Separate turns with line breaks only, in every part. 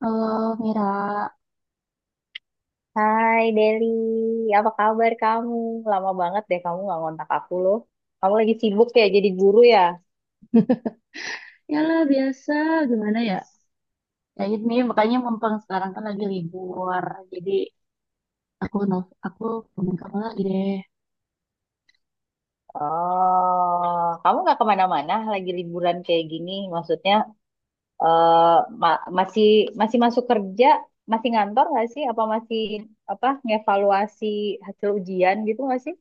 Halo, Mira.
Hai Deli, apa kabar kamu? Lama banget deh kamu nggak ngontak aku loh. Kamu lagi sibuk ya jadi guru ya?
Yalah biasa, gimana ya? Ya ini makanya mumpung sekarang kan lagi libur. Jadi aku temen kamu lagi deh.
Oh, kamu nggak kemana-mana lagi liburan kayak gini? Maksudnya eh, ma- masih masih masuk kerja, masih ngantor nggak sih? Apa masih apa ngevaluasi hasil ujian gitu nggak sih?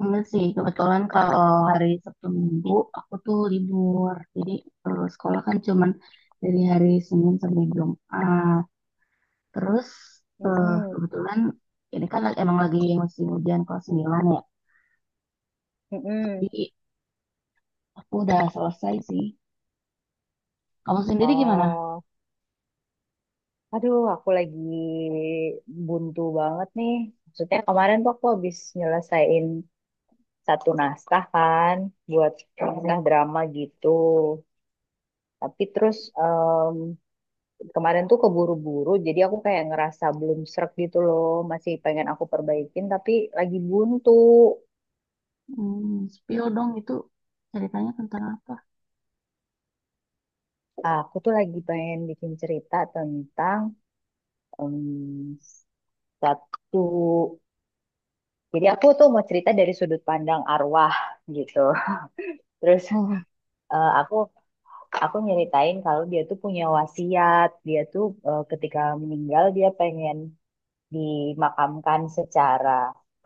Enggak sih, kebetulan kalau hari Sabtu Minggu aku tuh libur. Jadi kalau sekolah kan cuman dari hari Senin sampai Jumat. Terus
Mm-mm,
kebetulan ini kan emang lagi musim hujan kelas 9 ya.
mm-mm.
Tapi aku udah selesai sih. Kamu sendiri gimana?
Oh, aduh aku lagi buntu banget nih. Maksudnya kemarin tuh aku habis nyelesain satu naskah kan buat naskah drama gitu. Tapi terus kemarin tuh keburu-buru jadi aku kayak ngerasa belum srek gitu loh, masih pengen aku perbaikin tapi lagi buntu.
Hmm, spill dong, itu ceritanya tentang apa?
Ah, aku tuh lagi pengen bikin cerita tentang em, satu jadi aku tuh mau cerita dari sudut pandang arwah gitu. Terus
Oh.
eh, aku aku nyeritain kalau dia tuh punya wasiat, dia tuh ketika meninggal dia pengen dimakamkan secara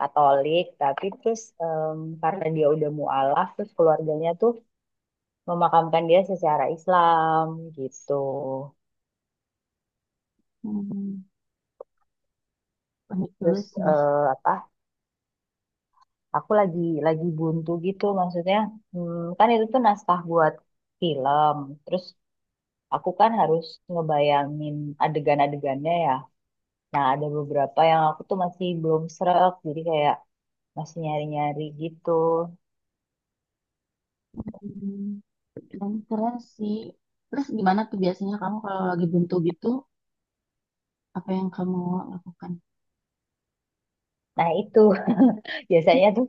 Katolik, tapi terus karena dia udah mualaf, terus keluarganya tuh memakamkan dia secara Islam gitu.
Hmm, unik juga
Terus
sih.
apa? Aku lagi buntu gitu, maksudnya kan itu tuh naskah buat film. Terus aku kan harus ngebayangin adegan-adegannya ya. Nah, ada beberapa yang aku tuh masih belum srek, jadi kayak masih nyari-nyari gitu.
Hmm, dan keren sih. Terus gimana tuh biasanya kamu kalau lagi buntu gitu, apa yang kamu lakukan?
Nah, itu biasanya tuh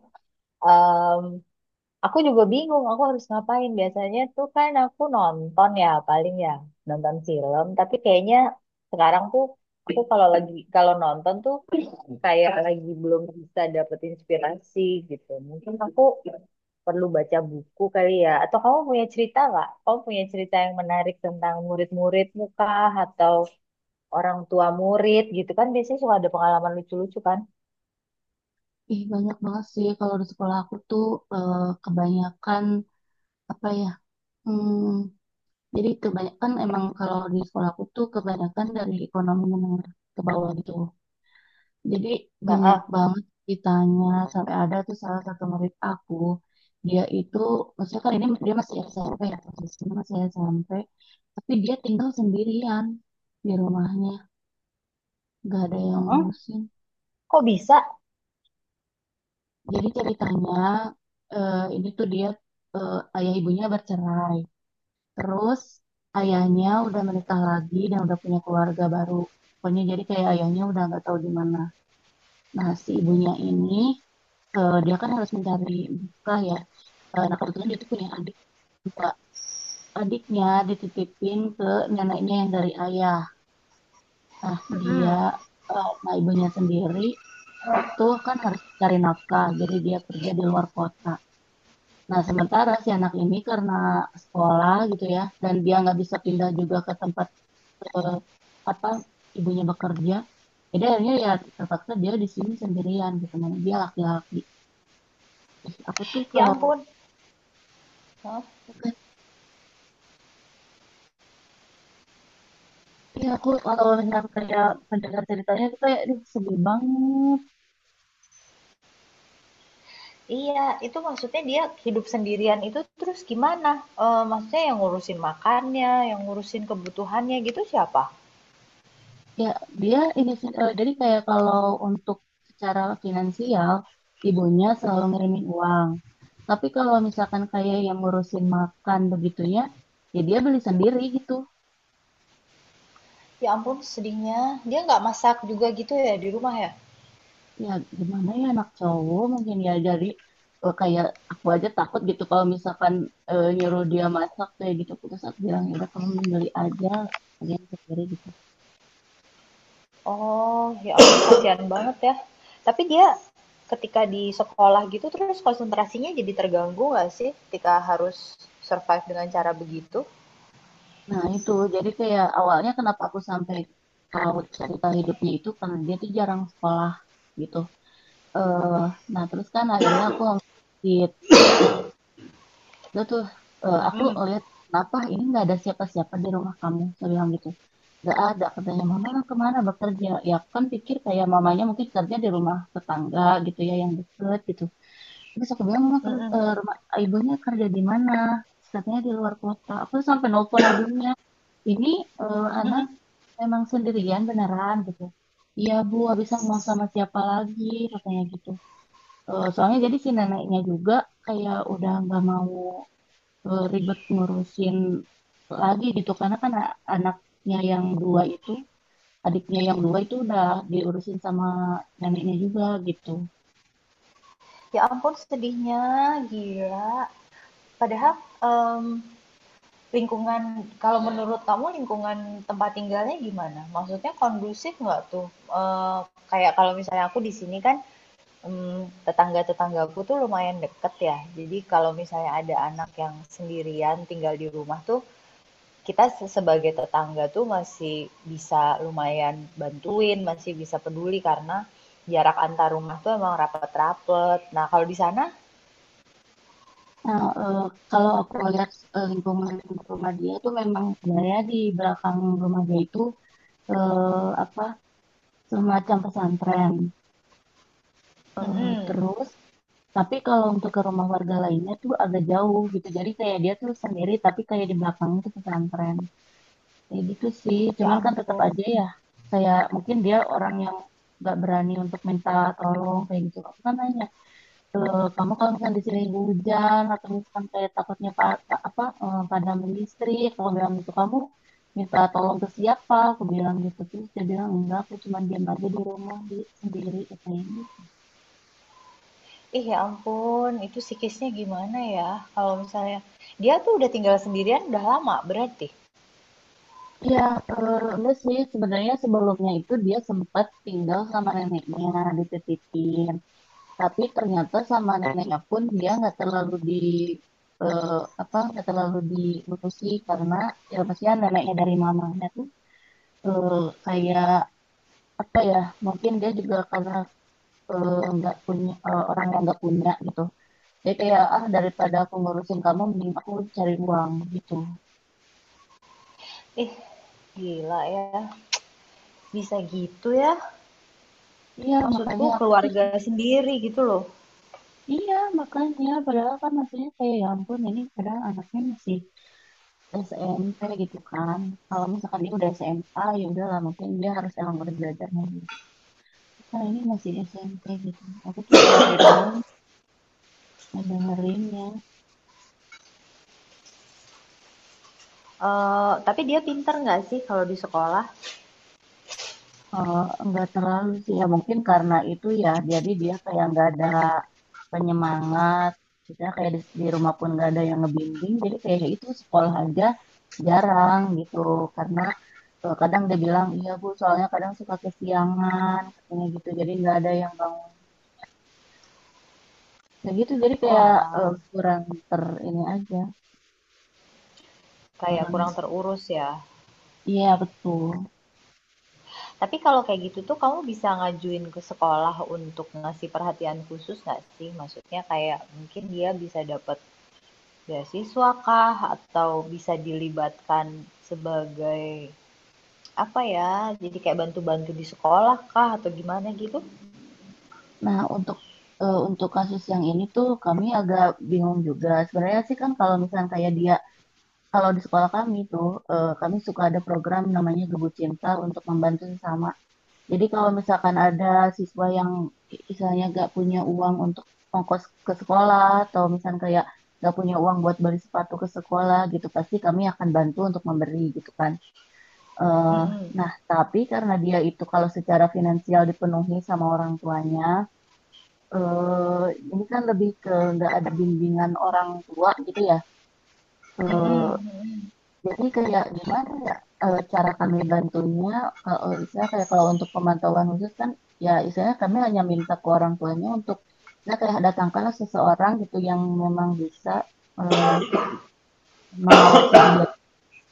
aku juga bingung, aku harus ngapain. Biasanya tuh kan aku nonton ya, paling ya nonton film. Tapi kayaknya sekarang tuh aku kalau nonton tuh kayak lagi belum bisa dapet inspirasi gitu. Mungkin aku perlu baca buku kali ya. Atau kamu punya cerita nggak? Kamu punya cerita yang menarik tentang murid-murid muka atau orang tua murid gitu kan? Biasanya suka ada pengalaman lucu-lucu kan?
Ih, banyak banget sih kalau di sekolah aku tuh, eh, kebanyakan apa ya? Hmm, jadi kebanyakan emang kalau di sekolah aku tuh kebanyakan dari ekonomi menengah ke bawah gitu. Jadi banyak
Heeh.
banget ditanya, sampai ada tuh salah satu murid aku, dia itu maksudnya kan ini dia masih SMP ya, posisinya masih SMP, tapi dia tinggal sendirian di rumahnya, gak ada yang
Heeh.
ngurusin.
Kok bisa?
Jadi ceritanya ini tuh dia, ayah ibunya bercerai, terus ayahnya udah menikah lagi dan udah punya keluarga baru. Pokoknya jadi kayak ayahnya udah nggak tahu di mana. Nah, si ibunya ini, dia kan harus mencari nafkah ya. Nah, kebetulan dia tuh punya adik dua. Adiknya dititipin ke neneknya yang dari ayah. Nah, dia,
Heeh.
nah, ibunya sendiri itu kan harus cari nafkah, jadi dia kerja di luar kota. Nah, sementara si anak ini karena sekolah gitu ya, dan dia nggak bisa pindah juga ke tempat eh, apa ibunya bekerja, jadi akhirnya ya terpaksa dia di sini sendirian gitu, mana dia laki-laki. Ih, aku tuh
Ya
kalau,
ampun.
ya aku kalau mendengar ceritanya tuh kayak aduh sedih banget.
Iya, itu maksudnya dia hidup sendirian itu terus gimana? Maksudnya yang ngurusin makannya, yang ngurusin kebutuhannya gitu siapa?
Ya dia ini sih, jadi kayak kalau untuk secara finansial ibunya selalu ngirimin uang, tapi kalau misalkan kayak yang ngurusin makan begitunya ya dia beli sendiri gitu.
Ya ampun sedihnya, dia nggak masak juga gitu ya di rumah ya?
Ya gimana ya, anak cowok mungkin ya, jadi kayak aku aja takut gitu kalau misalkan nyuruh dia masak kayak gitu. Terus aku bilang ya udah, kamu beli aja kalian sendiri gitu.
Oh, ya ampun kasihan banget ya. Tapi dia ketika di sekolah gitu terus konsentrasinya jadi terganggu nggak sih ketika harus survive dengan cara begitu?
Nah, itu jadi kayak awalnya kenapa aku sampai tahu cerita hidupnya itu karena dia tuh jarang sekolah gitu. eh nah, terus kan akhirnya aku ngeliat dia tuh, aku
Mhm,
ngeliat kenapa ini nggak ada siapa-siapa di rumah kamu, saya bilang gitu. Nggak ada, katanya. Mama kemana bekerja? Ya aku kan pikir kayak mamanya mungkin kerja di rumah tetangga gitu ya yang deket gitu. Terus aku bilang
mhm,
rumah ibunya kerja di mana? Terus katanya di luar kota. Aku sampai nelfon ibunya, ini anak
mhm.
emang sendirian beneran gitu. Iya Bu, habis aku mau sama siapa lagi, katanya gitu. Eh, soalnya jadi si neneknya juga kayak udah nggak mau, ribet ngurusin lagi gitu, karena kan anaknya yang dua itu, adiknya yang dua itu udah diurusin sama neneknya juga gitu.
Ya ampun sedihnya, gila. Padahal, mmm, lingkungan kalau menurut kamu lingkungan tempat tinggalnya gimana? Maksudnya kondusif nggak tuh? Kayak kalau misalnya aku di sini kan tetangga-tetanggaku tuh lumayan deket ya. Jadi kalau misalnya ada anak yang sendirian tinggal di rumah tuh kita sebagai tetangga tuh masih bisa lumayan bantuin, masih bisa peduli karena jarak antar rumah tuh emang rapet-rapet. Nah kalau di sana,
Nah, kalau aku lihat lingkungan rumah dia tuh memang sebenarnya di belakang rumah dia itu eh, apa semacam pesantren. Eh,
mm-mm.
terus tapi kalau untuk ke rumah warga lainnya tuh agak jauh gitu. Jadi kayak dia tuh sendiri, tapi kayak di belakangnya tuh pesantren. Kayak gitu sih.
Ya
Cuman kan tetap
ampun.
aja ya. Saya, mungkin dia orang yang nggak berani untuk minta tolong kayak gitu. Aku kan nanya, "E, kamu kalau misalnya di sini hujan atau misalkan kayak takutnya padam listrik, kalau bilang gitu kamu minta tolong ke siapa? Aku bilang gitu, terus dia bilang enggak, aku cuma diam aja di rumah di sendiri, katanya.
Ih, ya ampun, itu psikisnya gimana ya? Kalau misalnya dia tuh udah tinggal sendirian udah lama berarti.
Iya, enggak sih. Sebenarnya sebelumnya itu dia sempat tinggal sama neneknya, dititipin. Tapi ternyata sama neneknya pun dia nggak terlalu di eh, apa nggak terlalu diurusi, karena ya maksudnya neneknya dari mamanya tuh, eh, kayak apa ya? Mungkin dia juga karena eh, nggak punya eh, orang yang nggak punya gitu. Dia kayak ah, daripada aku ngurusin kamu, mending aku cari uang gitu.
Ih, gila ya. Bisa gitu ya.
Iya,
Maksudku
makanya aku tuh,
keluarga sendiri gitu loh.
iya makanya padahal kan maksudnya kayak ya ampun ini padahal anaknya masih SMP gitu kan. Kalau misalkan dia udah SMA ya udahlah, mungkin dia harus emang udah belajar lagi. Nah ini masih SMP gitu. Aku tuh sampai nang dengerinnya.
Tapi dia pinter nggak sih kalau di sekolah?
Eh, nggak terlalu sih, ya mungkin karena itu ya, jadi dia kayak nggak ada penyemangat misalnya kayak di rumah pun nggak ada yang ngebimbing, jadi kayak itu sekolah aja jarang gitu karena kadang dia bilang iya bu, soalnya kadang suka kesiangan, katanya gitu, jadi nggak ada yang bangun kayak gitu. Jadi
Oh
kayak
alah,
kurang ter ini aja
kayak
kurang,
kurang terurus ya.
iya betul.
Tapi kalau kayak gitu tuh kamu bisa ngajuin ke sekolah untuk ngasih perhatian khusus nggak sih? Maksudnya kayak mungkin dia bisa dapat beasiswa kah? Atau bisa dilibatkan sebagai, apa ya, jadi kayak bantu-bantu di sekolah kah? Atau gimana gitu?
Nah untuk untuk kasus yang ini tuh kami agak bingung juga sebenarnya sih, kan kalau misalnya kayak dia, kalau di sekolah kami tuh, kami suka ada program namanya Gebu Cinta untuk membantu sesama. Jadi kalau misalkan ada siswa yang misalnya gak punya uang untuk ongkos ke sekolah atau misalnya kayak gak punya uang buat beli sepatu ke sekolah gitu, pasti kami akan bantu untuk memberi gitu kan. Eh,
Mhm,
nah, tapi karena dia itu kalau secara finansial dipenuhi sama orang tuanya, eh, ini kan lebih ke nggak ada bimbingan orang tua gitu ya.
mhm,
Eh,
mhm,
jadi kayak gimana ya, cara kami bantunya kalau misalnya kayak kalau untuk pemantauan khusus kan, ya istilahnya kami hanya minta ke orang tuanya untuk, saya kayak datangkanlah seseorang gitu yang memang bisa eh, mengawasi dia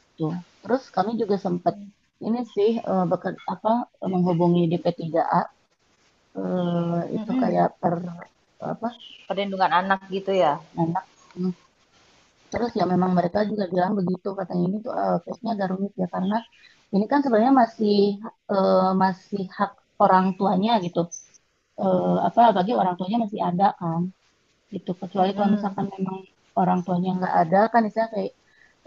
gitu. Terus kami juga sempat
mhm,
ini sih, eh, beker- apa menghubungi DP3A, itu
mhm.
kayak per apa
Perlindungan anak gitu ya?
anak. Hmm. Terus ya memang mereka juga bilang begitu, katanya ini tuh case-nya agak rumit ya, karena ini kan sebenarnya masih eh, masih hak orang tuanya gitu. Eh, apa bagi orang tuanya masih ada kan gitu. Kecuali kalau
Mhm,
misalkan memang orang tuanya nggak ada kan, misalnya kayak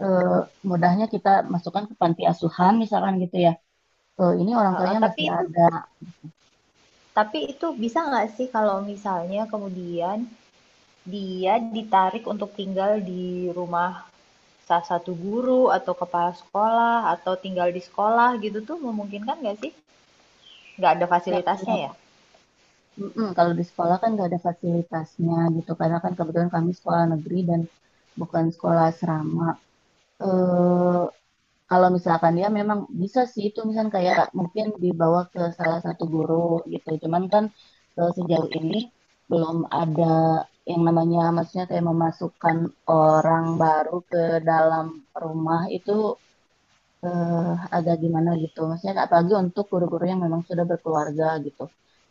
eh, mudahnya kita masukkan ke panti asuhan misalkan gitu ya. Eh, ini orang
heeh,
tuanya
tapi
masih
itu
ada.
tapi itu bisa nggak sih kalau misalnya kemudian dia ditarik untuk tinggal di rumah salah satu guru atau kepala sekolah atau tinggal di sekolah gitu tuh memungkinkan nggak sih? Nggak ada
Ya
fasilitasnya
kalau,
ya?
mm-mm, kalau di sekolah kan nggak ada fasilitasnya gitu karena kan kebetulan kami sekolah negeri dan bukan sekolah asrama. Eh, kalau misalkan dia memang bisa sih itu, misalkan kayak mungkin dibawa ke salah satu guru gitu. Cuman kan sejauh ini belum ada yang namanya maksudnya kayak memasukkan orang baru ke dalam rumah itu eh, agak gimana gitu. Maksudnya apalagi untuk guru-guru yang memang sudah berkeluarga gitu.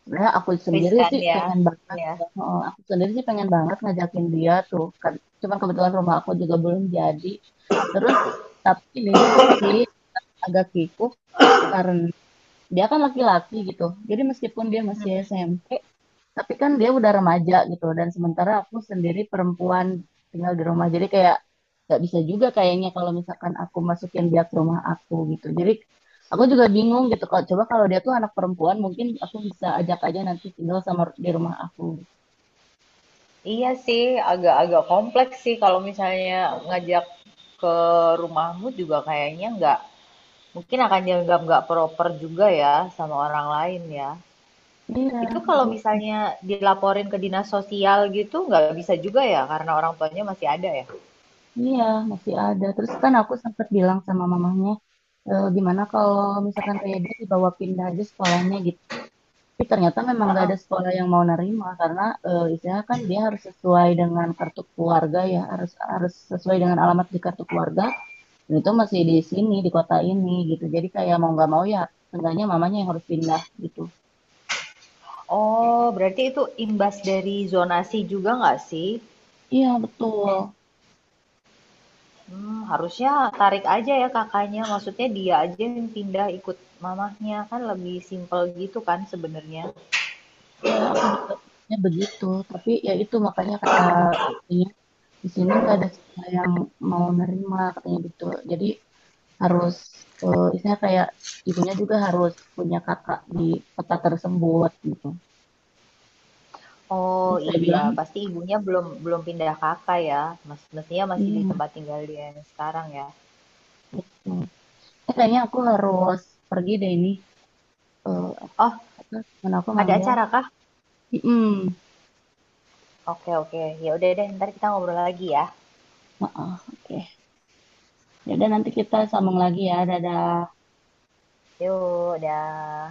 Sebenarnya
Riskan ya, ya.
aku sendiri sih pengen banget ngajakin dia tuh. Kan- Cuman kebetulan rumah aku juga belum jadi. Terus tapi ini juga sih agak kikuk karena dia kan laki-laki gitu. Jadi meskipun dia masih
Mm-hmm.
SMP, tapi kan dia udah remaja gitu. Dan sementara aku sendiri perempuan tinggal di rumah. Jadi kayak nggak bisa juga kayaknya kalau misalkan aku masukin dia ke rumah aku gitu. Jadi aku juga bingung gitu. Kalau coba kalau dia tuh anak perempuan, mungkin aku bisa ajak aja nanti tinggal sama di rumah aku. Gitu.
Iya sih, agak-agak kompleks sih kalau misalnya ngajak ke rumahmu juga kayaknya nggak mungkin akan dianggap nggak proper juga ya sama orang lain ya.
Iya,
Itu kalau
betul.
misalnya dilaporin ke dinas sosial gitu nggak bisa juga ya karena orang tuanya masih ada ya.
Iya, masih ada. Terus kan aku sempat bilang sama mamanya, e, gimana kalau misalkan kayak dia dibawa pindah aja sekolahnya. Tapi ternyata memang nggak
Heeh.
ada sekolah yang mau nerima karena istilahnya kan dia harus sesuai dengan kartu keluarga ya, harus harus sesuai dengan alamat di kartu keluarga, dan itu masih di sini di kota ini gitu. Jadi kayak mau nggak mau ya, seenggaknya mamanya yang harus pindah gitu.
Oh, berarti itu imbas dari zonasi juga nggak sih?
Iya betul,
Harusnya tarik aja ya kakaknya, maksudnya dia aja yang pindah ikut mamahnya, kan lebih simpel gitu kan sebenarnya.
ya aku juga pikirnya begitu. Tapi ya itu makanya kata dia, di sini nggak ada sekolah yang mau nerima, katanya gitu. Jadi harus istilahnya kayak ibunya juga harus punya kakak di kota tersebut gitu.
Oh
Terus saya
iya,
bilang,
pasti ibunya belum belum pindah Kakak ya, mestinya masih di
iya,
tempat tinggal dia yang sekarang ya.
betul. Eh, kayaknya aku harus pergi deh ini. Eh,
Oh,
apa, teman aku
ada
manggil.
acara kah?
Hmm,
Oke oke, ya udah deh, entar kita ngobrol lagi ya.
maaf. Oke. Yaudah, nanti kita sambung lagi ya. Dadah.
Yuk, dah.